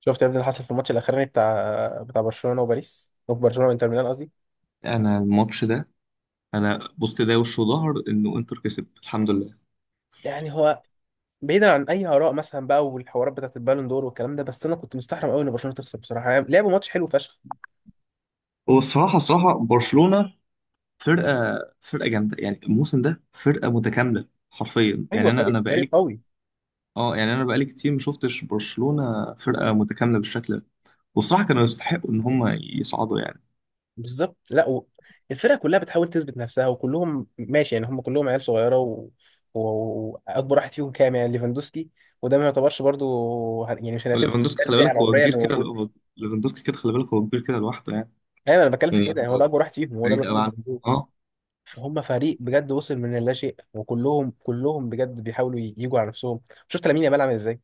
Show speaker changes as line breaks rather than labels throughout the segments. شفت يا ابني اللي حصل في الماتش الاخراني بتاع برشلونه وباريس او برشلونه وانتر ميلان قصدي.
انا الماتش ده، انا بصت ده وش وظهر انه انتر كسب الحمد لله.
يعني هو بعيدا عن اي اراء مثلا بقى والحوارات بتاعت البالون دور والكلام ده، بس انا كنت مستحرم قوي ان برشلونه تخسر بصراحه، يعني لعبوا ماتش حلو فشخ.
هو الصراحه الصراحه برشلونه فرقه جامده، يعني الموسم ده فرقه متكامله حرفيا. يعني
ايوه،
انا
فريق
انا
فريق
بقالي،
قوي.
اه يعني انا بقالي كتير ما شفتش برشلونه فرقه متكامله بالشكل ده. والصراحه كانوا يستحقوا ان هم يصعدوا يعني.
بالظبط. لا. الفرقه كلها بتحاول تثبت نفسها وكلهم ماشي، يعني هم كلهم عيال صغيره و واكبر واحد فيهم كام؟ يعني ليفاندوسكي، وده ما يعتبرش برضو، يعني مش هنعتبر
ليفاندوسكي خلي
الفئه
بالك هو
العمريه
كبير
اللي
كده،
موجوده.
هو ليفاندوسكي كده خلي بالك هو كبير كده لوحده يعني.
ايوه انا بتكلم في
يعني
كده، يعني هو
هو
ده اكبر واحد فيهم، هو ده
بعيد
الوحيد
قوي
اللي
عن،
موجود.
اه.
هم فريق بجد وصل من اللاشيء، وكلهم بجد بيحاولوا يجوا على نفسهم. شفت لامين يامال عامل ازاي؟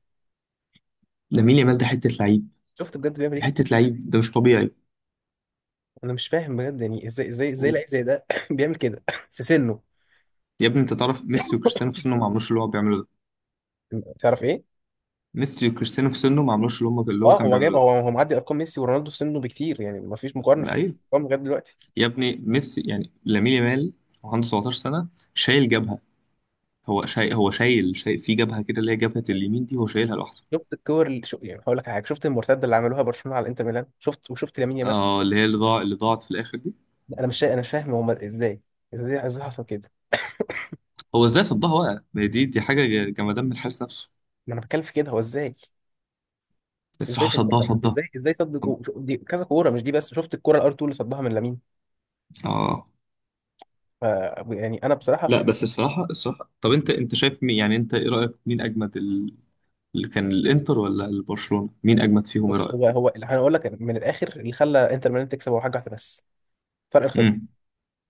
لامين يامال ده حته لعيب،
شفت بجد بيعمل
حته
ايه؟
لعيب ده مش طبيعي.
انا مش فاهم بجد، يعني ازاي لعيب زي ده بيعمل كده في سنه؟
يا ابني انت تعرف ميسي وكريستيانو في سنه ما عملوش اللي هو بيعمله ده،
تعرف ايه؟
ميسي وكريستيانو في سنه ما عملوش اللي هم اللي هو
اه،
كان
هو جايب،
بيعمله
هو معدي ارقام ميسي ورونالدو في سنه بكتير، يعني ما فيش مقارنه
ده.
في
ايوه
الارقام لغايه دلوقتي.
يا ابني ميسي يعني لامين يامال وعنده 17 سنه، شايل جبهه. هو شايل في جبهه كده اللي هي جبهه اليمين دي هو شايلها لوحده.
شفت الكور اللي يعني هقول لك على حاجه، شفت المرتده اللي عملوها برشلونه على انتر ميلان؟ شفت وشفت لامين يامال.
اه اللي هي اللي ضاع اللي ضاعت في الاخر دي.
انا مش فاهم هم ازاي، ازاي حصل كده؟
هو ازاي صدها بقى، ما هي دي حاجه جمدان من الحارس نفسه.
ما انا بتكلم في كده، هو ازاي؟ ازاي
الصراحه صدها
صدها؟
صدها
ازاي صد دي كذا كوره، مش دي بس، شفت الكوره الار 2 اللي صدها من لامين.
اه.
ف- يعني انا بصراحه.
لا بس الصراحه الصراحه، طب انت شايف مين، يعني انت ايه رايك مين اجمد اللي كان، الانتر ولا البرشلونه، مين اجمد فيهم ايه
بص،
رايك؟
هو اللي هنقول لك من الاخر، اللي خلى انتر ميلان تكسب هو حاجه واحده بس، فرق الخبره.
امم،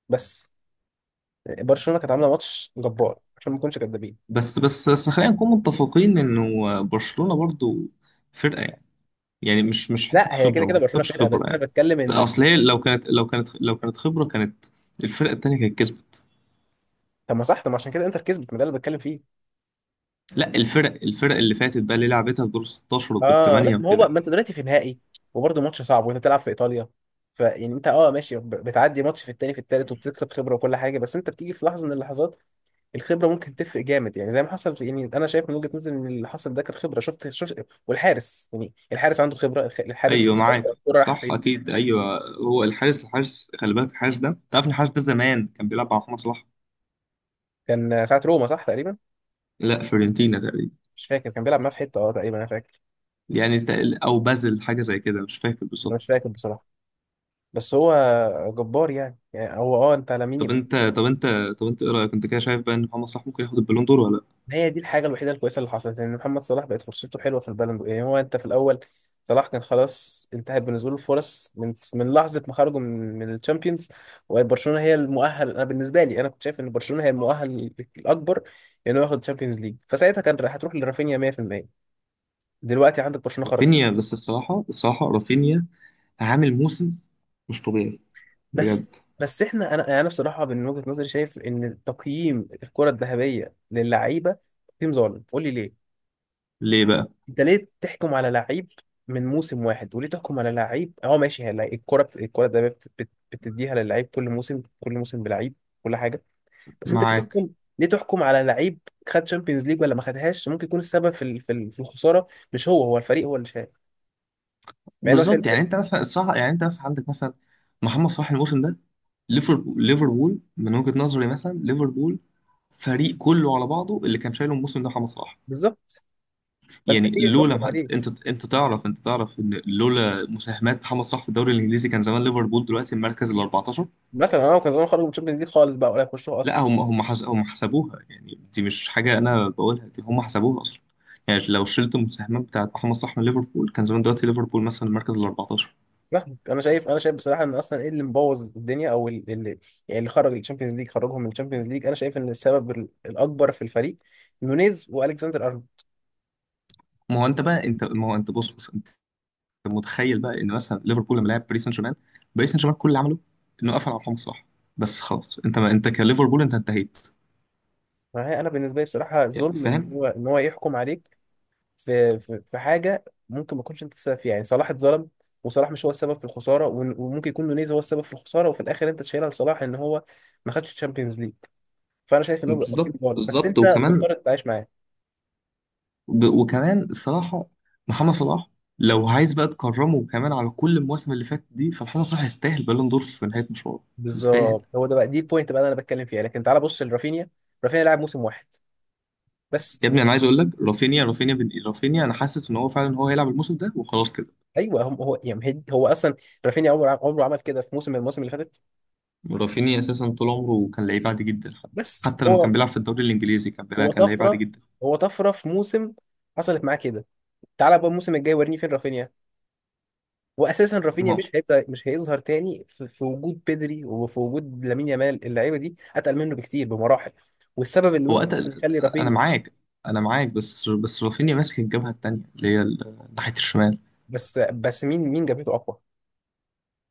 بس برشلونه كانت عامله ماتش جبار عشان ما نكونش كدابين.
بس خلينا نكون متفقين انه برشلونة برضو فرقة يعني، يعني مش حتة
لا، هي كده
خبرة، ما
كده برشلونه
اعتقدش
فرقه،
خبرة
بس انا
يعني.
بتكلم ان،
اصل هي لو كانت خبرة، كانت الفرقة التانية كانت كسبت.
طب ما صح، طب ما عشان كده انتر كسبت، ما ده اللي بتكلم فيه.
لا الفرق اللي فاتت بقى اللي لعبتها في دور 16 ودور
اه لا،
8
ما هو
وكده.
بقى، ما انت دلوقتي في نهائي وبرضه ماتش صعب، وانت بتلعب في ايطاليا، فيعني انت اه ماشي، بتعدي ماتش في التاني في التالت، وبتكسب خبره وكل حاجه. بس انت بتيجي في لحظه من اللحظات الخبره ممكن تفرق جامد، يعني زي ما حصل. يعني انا شايف من وجهه نظري ان اللي حصل ده كان خبره. شفت والحارس، يعني الحارس عنده خبره، الحارس
ايوه معاك،
الكوره رايحه
صح
فين.
اكيد ايوه. هو الحارس خلي بالك، الحارس ده انت عارف إن الحارس ده زمان كان بيلعب مع محمد صلاح.
كان ساعه روما صح تقريبا.
لا فيورنتينا تقريبا.
مش فاكر، كان بيلعب معاه في حته اه تقريبا انا فاكر.
يعني او بازل حاجة زي كده، مش فاكر
انا مش
بالظبط.
فاكر بصراحه، بس هو جبار يعني، يعني هو اه انت على
طب
مين بس.
انت طب انت طب انت ايه رايك، انت كده شايف بقى ان محمد صلاح ممكن ياخد البالون دور ولا لا؟
ما هي دي الحاجة الوحيدة الكويسة اللي حصلت، ان محمد صلاح بقت فرصته حلوة في البالون دور. يعني هو انت في الاول صلاح كان خلاص انتهت بالنسبة له الفرص، من لحظة ما خرجوا من الشامبيونز، وبرشلونة هي المؤهل. انا بالنسبة لي، انا كنت شايف ان برشلونة هي المؤهل الاكبر انه ياخد الشامبيونز ليج، فساعتها كان راح هتروح لرافينيا 100%. دلوقتي عندك برشلونة
رافينيا،
خرجت.
بس الصراحه الصراحه رافينيا عامل موسم مش طبيعي
بس
بجد.
بس احنا انا، يعني انا بصراحة من وجهة نظري شايف ان تقييم الكرة الذهبية للعيبة تقييم ظالم. قول لي ليه.
ليه بقى؟
انت ليه تحكم على لعيب من موسم واحد؟ وليه تحكم على لعيب، اه ماشي هي الكرة الكرة ده بتديها للعيب كل موسم، كل موسم بلعيب كل حاجة، بس انت ليه
معاك
تحكم؟ ليه تحكم على لعيب خد شامبيونز ليج ولا ما خدهاش؟ ممكن يكون السبب في الخسارة مش هو، هو الفريق هو اللي شايل، مع انه شايل
بالظبط. يعني
الفريق.
انت مثلا الصراحه، يعني انت مثلا عندك مثلا محمد صلاح الموسم ده، ليفربول من وجهه نظري، مثلا ليفربول فريق كله على بعضه اللي كان شايله الموسم ده محمد صلاح.
بالظبط، فانت
يعني
ليه تحكم عليه؟
انت تعرف، انت تعرف ان لولا مساهمات محمد صلاح في الدوري الانجليزي كان زمان ليفربول دلوقتي المركز ال 14.
مثلا انا كان زمان خرج من الشامبيونز ليج خالص بقى ولا يخشوها اصلا.
لا هم هم حسبوها، يعني دي مش حاجة أنا بقولها، دي هم حسبوها أصلا. يعني لو شلت المساهمات بتاعت محمد صلاح من ليفربول كان زمان دلوقتي ليفربول مثلا المركز ال 14.
فاهمك. انا شايف، انا شايف بصراحه ان اصلا ايه اللي مبوظ الدنيا، او اللي يعني اللي خرج الشامبيونز ليج، خرجهم من الشامبيونز ليج، انا شايف ان السبب الاكبر في الفريق نونيز والكسندر ارنولد.
ما هو أنت بقى أنت ما هو أنت بص أنت متخيل بقى إن مثلا ليفربول لما لعب باريس سان جيرمان، باريس سان جيرمان كل اللي عمله إنه قفل على محمد صلاح. بس خلاص أنت، ما أنت كليفربول أنت انتهيت،
فهي انا بالنسبه لي بصراحه
يعني
ظلم ان
فاهم.
هو، ان هو يحكم عليك في في حاجه ممكن ما تكونش انت السبب فيها. يعني صلاح اتظلم، وصلاح مش هو السبب في الخساره، وممكن يكون نونيز هو السبب في الخساره، وفي الاخر انت تشيلها لصلاح ان هو ما خدش الشامبيونز ليج. فانا شايف ان هو بيبقى تقييم
بالظبط
ظالم، بس
بالظبط،
انت
وكمان،
مضطر تعيش معاه.
وكمان الصراحة محمد صلاح لو عايز بقى تكرمه كمان على كل المواسم اللي فاتت دي، فمحمد صلاح يستاهل بالون دور في نهاية مشواره، يستاهل.
بالظبط، هو ده بقى دي البوينت بقى اللي انا بتكلم فيها. لكن تعال بص لرافينيا، رافينيا لعب موسم واحد بس.
يا ابني انا عايز اقول لك رافينيا، رافينيا بن رافينيا انا حاسس ان هو فعلا هو هيلعب الموسم ده وخلاص كده.
ايوه هم هو يعني، هو اصلا رافينيا عمره عمل كده في موسم من المواسم اللي فاتت.
رافينيا اساسا طول عمره كان لعيب عادي جدا، حتى
بس
حتى لما كان
هو،
بيلعب في الدوري الانجليزي كان
هو
بيلعب كان لعيب عادي
طفره،
جدا.
هو طفره في موسم حصلت معاه كده. تعال بقى الموسم الجاي وريني فين رافينيا. واساسا رافينيا
ما-
مش هيبدا، مش هيظهر تاني في، في وجود بيدري وفي وجود لامين يامال، اللعيبه دي اتقل منه بكتير بمراحل. والسبب اللي
هو
ممكن
قتل.
يخلي
انا
رافينيا،
معاك، انا معاك. بس بس رافينيا ماسك الجبهة التانية اللي هي ناحية الشمال.
بس مين، مين جابته اقوى؟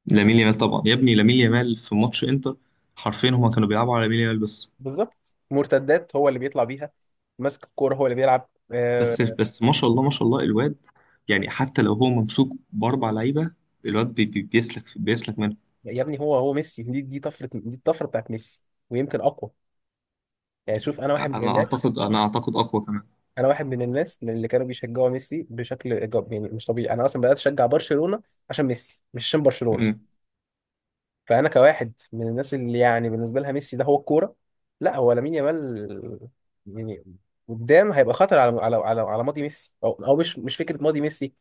لامين يامال طبعا يا ابني، لامين يامال في ماتش انتر حرفيا هما كانوا بيلعبوا على لامين يامال بس.
بالظبط، مرتدات هو اللي بيطلع بيها، ماسك الكوره هو اللي بيلعب آه.
بس ما شاء الله ما شاء الله الواد، يعني حتى لو هو ممسوك باربع لعيبه الواد بي بي بيسلك منه.
يا ابني هو، هو ميسي، دي، دي طفره، دي الطفره بتاعت ميسي، ويمكن اقوى. يعني شوف، انا واحد من
انا
الناس،
اعتقد، انا اعتقد اقوى كمان.
انا واحد من الناس من اللي كانوا بيشجعوا ميسي بشكل إيجابي يعني مش طبيعي، انا اصلا بدات اشجع برشلونه عشان ميسي، مش عشان برشلونه.
مم.
فانا كواحد من الناس اللي يعني بالنسبه لها ميسي ده هو الكوره، لا هو لامين يامال. يعني قدام هيبقى خطر على، على، على، على ماضي ميسي، او او مش، مش فكره ماضي ميسي،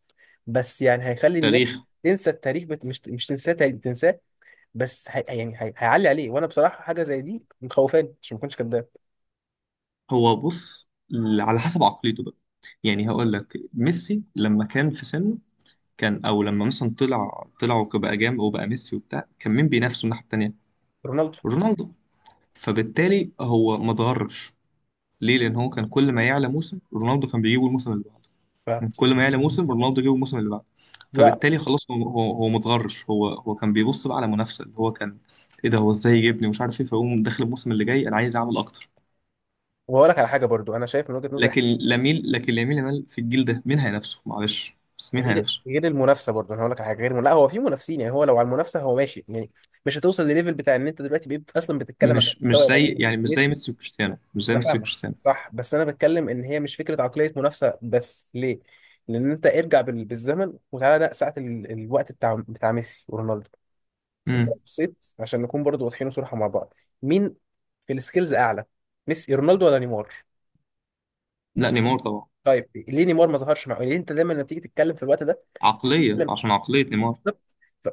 بس يعني هيخلي الناس
تاريخ.
تنسى التاريخ، مش، مش تنساه، تاريخ تنساه. بس يعني هيعلي عليه، وانا بصراحه حاجه زي دي مخوفاني عشان ما اكونش كداب.
هو بص، على حسب عقليته بقى. يعني هقول لك ميسي لما كان في سنه كان، او لما مثلا طلع وبقى جامد وبقى ميسي وبتاع، كان مين بينافسه الناحيه التانيه؟
رونالدو.
رونالدو. فبالتالي هو ما اتغرش. ليه؟ لأن هو كان كل ما يعلى موسم رونالدو كان بيجيبه الموسم اللي بعده،
ف...
كان كل ما يعلى موسم رونالدو جيبه الموسم اللي بعده.
لا.
فبالتالي خلاص، هو متغرش. هو كان بيبص بقى على منافسة اللي هو كان، إيه ده هو إزاي يجيبني ومش عارف إيه، فيقوم داخل الموسم اللي جاي أنا عايز أعمل أكتر.
وهقول لك على حاجه برضو انا شايف من وجهه نظري
لكن لامين يامال في الجيل ده مين هينافسه؟ معلش بس مين
غير،
هينافسه؟
غير المنافسه. برضه انا هقول لك على حاجه غير، لا هو في منافسين يعني، هو لو على المنافسه هو ماشي يعني، مش هتوصل لليفل بتاع ان انت دلوقتي بقيت اصلا بتتكلم عن
مش مش
مستوى
زي
لامين
يعني مش زي
وميسي.
ميسي وكريستيانو، مش زي
انا
ميسي
فاهمك.
وكريستيانو.
صح، بس انا بتكلم ان هي مش فكره عقليه منافسه بس، ليه؟ لان انت ارجع بالزمن وتعالى لا ساعه الوقت بتاع ميسي ورونالدو. انت
امم.
بصيت، عشان نكون برضه واضحين صراحه مع بعض، مين في السكيلز اعلى؟ ميسي، رونالدو، ولا نيمار؟
لا نيمار طبعا.
طيب ليه نيمار ما ظهرش مع، ليه انت دايما لما تيجي تتكلم في الوقت ده؟
عقلية، عشان عقلية نيمار.
بالظبط.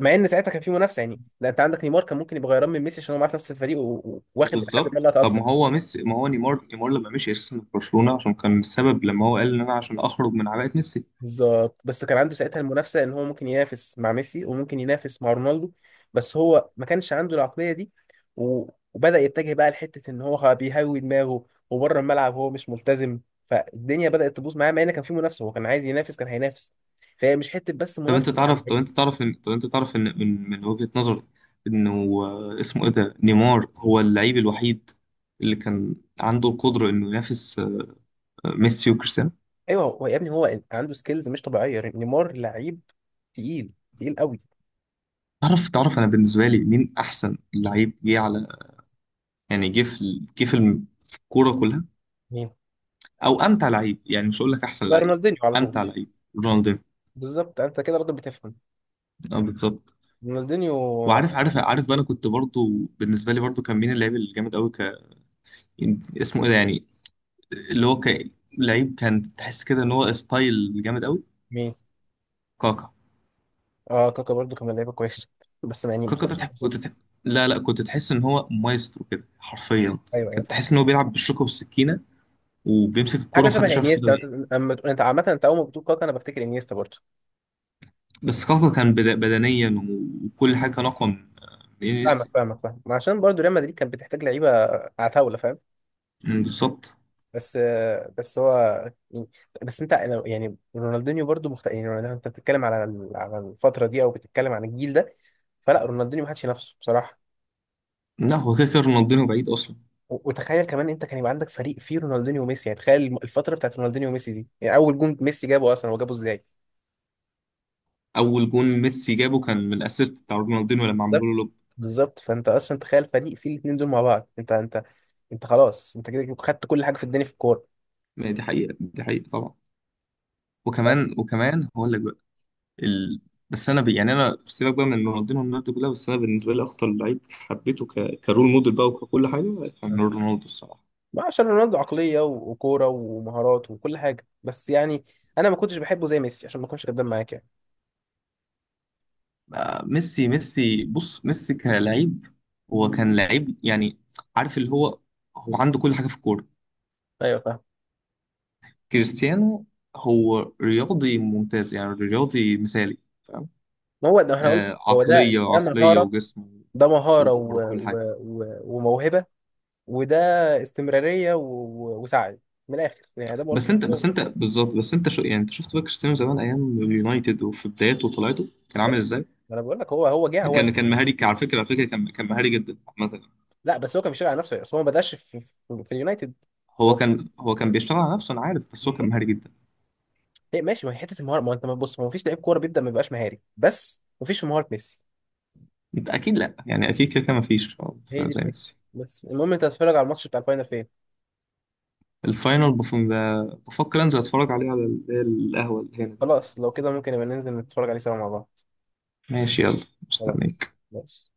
مع ان ساعتها كان في منافسه يعني، لا انت عندك نيمار كان ممكن يبقى غيران من ميسي عشان هو معاه في نفس الفريق و
اه
واخد لحد ما
بالظبط.
لا
طب
اكتر.
ما هو ميسي، ما هو نيمار، لما مشي اساسا من برشلونة عشان كان السبب لما هو قال ان انا عشان اخرج من عباءة ميسي.
بالظبط، بس كان عنده ساعتها المنافسه ان هو ممكن ينافس مع ميسي، وممكن ينافس مع رونالدو، بس هو ما كانش عنده العقليه دي. و- وبدا يتجه بقى لحته ان هو بيهوي دماغه وبره الملعب هو مش ملتزم، فالدنيا بدات تبوظ معاه، مع ان كان في منافسه هو كان عايز ينافس كان هينافس. فهي مش حته بس
طب
منافسه
انت
على
تعرف طب
اللعيب.
انت تعرف ان طب انت تعرف ان من وجهة نظري انه، آه، اسمه ايه ده، نيمار هو اللعيب الوحيد اللي كان عنده القدرة انه ينافس، آه، ميسي وكريستيانو.
ايوه، هو يا ابني هو عنده سكيلز مش طبيعيه، نيمار لعيب تقيل قوي.
تعرف انا بالنسبة لي مين احسن لعيب جه على، يعني جه في ال- جه في الم- في الكورة كلها، او امتع لعيب، يعني مش هقول لك احسن
يبقى
لعيب،
رونالدينيو على طول.
امتع لعيب؟ رونالدينيو.
بالظبط، انت كده راجل بتفهم.
اه بالظبط.
رونالدينيو. آه،
وعارف عارف عارف بقى، انا كنت برضو، بالنسبه لي برضو، كان مين اللاعب الجامد قوي اسمه ايه ده يعني، اللي هو لعيب كان تحس كده ان هو ستايل جامد قوي؟
مين؟
كاكا.
اه، كاكا برضو كان لعيبه كويس بس يعني ما
كاكا ده
خدش فرصته.
لا لا كنت تحس ان هو مايسترو كده حرفيا،
ايوه، ايوه،
كنت
فاهم.
تحس ان هو بيلعب بالشوكه والسكينه وبيمسك الكوره
حاجه شبه
محدش عارف ياخدها
انيستا انت.
منه.
انت عامه انت اول ما بتقول كاكا انا بفتكر انيستا برضو.
بس كاكا كان بدنيا وكل حاجه كان اقوى من، من
فاهمك،
انيستا.
فاهمك، فاهم، عشان برضو ريال مدريد كانت بتحتاج لعيبه عتاوله، فاهم.
أمم، بالظبط.
بس آه، بس هو يعني، يعني رونالدينيو برضو يعني انت بتتكلم على على الفتره دي او بتتكلم عن الجيل ده؟ فلا رونالدينيو ما حدش ينافسه بصراحه.
لا هو كده كده رونالدينو بعيد اصلا.
وتخيل كمان، انت كان يبقى عندك فريق فيه رونالدينيو وميسي، يعني تخيل الفتره بتاعت رونالدينيو وميسي دي، يعني اول جون ميسي جابه اصلا هو جابه ازاي؟
اول جون ميسي جابه كان من الاسيست بتاع رونالدينو لما عملوا
بالظبط،
له.
بالظبط، فانت اصلا تخيل فريق فيه الاثنين دول مع بعض، انت انت خلاص، انت كده خدت كل حاجه في الدنيا في الكوره.
ما هي دي حقيقة، دي حقيقة طبعا.
ف...
وكمان هقول لك بقى، ال... بس انا ب... يعني انا سيبك بقى من رونالدينو والناس دي كلها، بس انا بالنسبة لي اخطر لعيب حبيته كرول موديل بقى وككل حاجة كان رونالدو الصراحة.
ما عشان رونالدو عقليه وكوره ومهارات وكل حاجه، بس يعني انا ما كنتش بحبه زي ميسي عشان ما اكونش كداب معاك يعني.
بقى ميسي بص، ميسي كلاعب هو كان لعيب يعني، عارف اللي هو هو عنده كل حاجة في الكورة.
ايوه فاهم.
كريستيانو هو رياضي ممتاز، يعني رياضي مثالي، فاهم؟
ما هو ده احنا قلت،
آه،
هو ده،
عقلية
ده
عقلية
مهاره.
وجسم
ده مهاره
وكورة
و...
وكل
و...
حاجة.
و... وموهبه، وده استمراريه و وسعي، من الاخر يعني ده
بس
ملخص.
انت بس انت بالظبط، بس انت شو، يعني انت شفت بقى كريستيانو زمان ايام اليونايتد وفي بداياته وطلعته كان عامل
ايوه،
ازاي؟
ما انا بقول لك، هو هو جه، هو
كان
اسلم.
كان مهاري، على فكره، على فكره كان مهاري جدا عامه.
لا بس هو كان بيشتغل على نفسه، اصل هو ما بداش في، في اليونايتد.
هو
هو
كان هو كان بيشتغل على نفسه انا عارف، بس هو كان
بالظبط.
مهاري جدا.
هي ماشي، ما هي حته المهاره، ما انت بص، ما فيش لعيب كوره بيبدا ما بيبقاش مهاري، بس ما فيش في مهاره ميسي.
انت اكيد لا، يعني اكيد كده كده مفيش
هي دي
زي
الفكره.
ميسي.
بس المهم، انت هتتفرج على الماتش بتاع الفاينل فين؟
الفاينل بفكر انزل اتفرج عليه على القهوه اللي هنا دي.
خلاص، لو كده ممكن نبقى ننزل نتفرج عليه سوا مع بعض.
ماشي يلا،
خلاص،
مستنيك.
ماشي.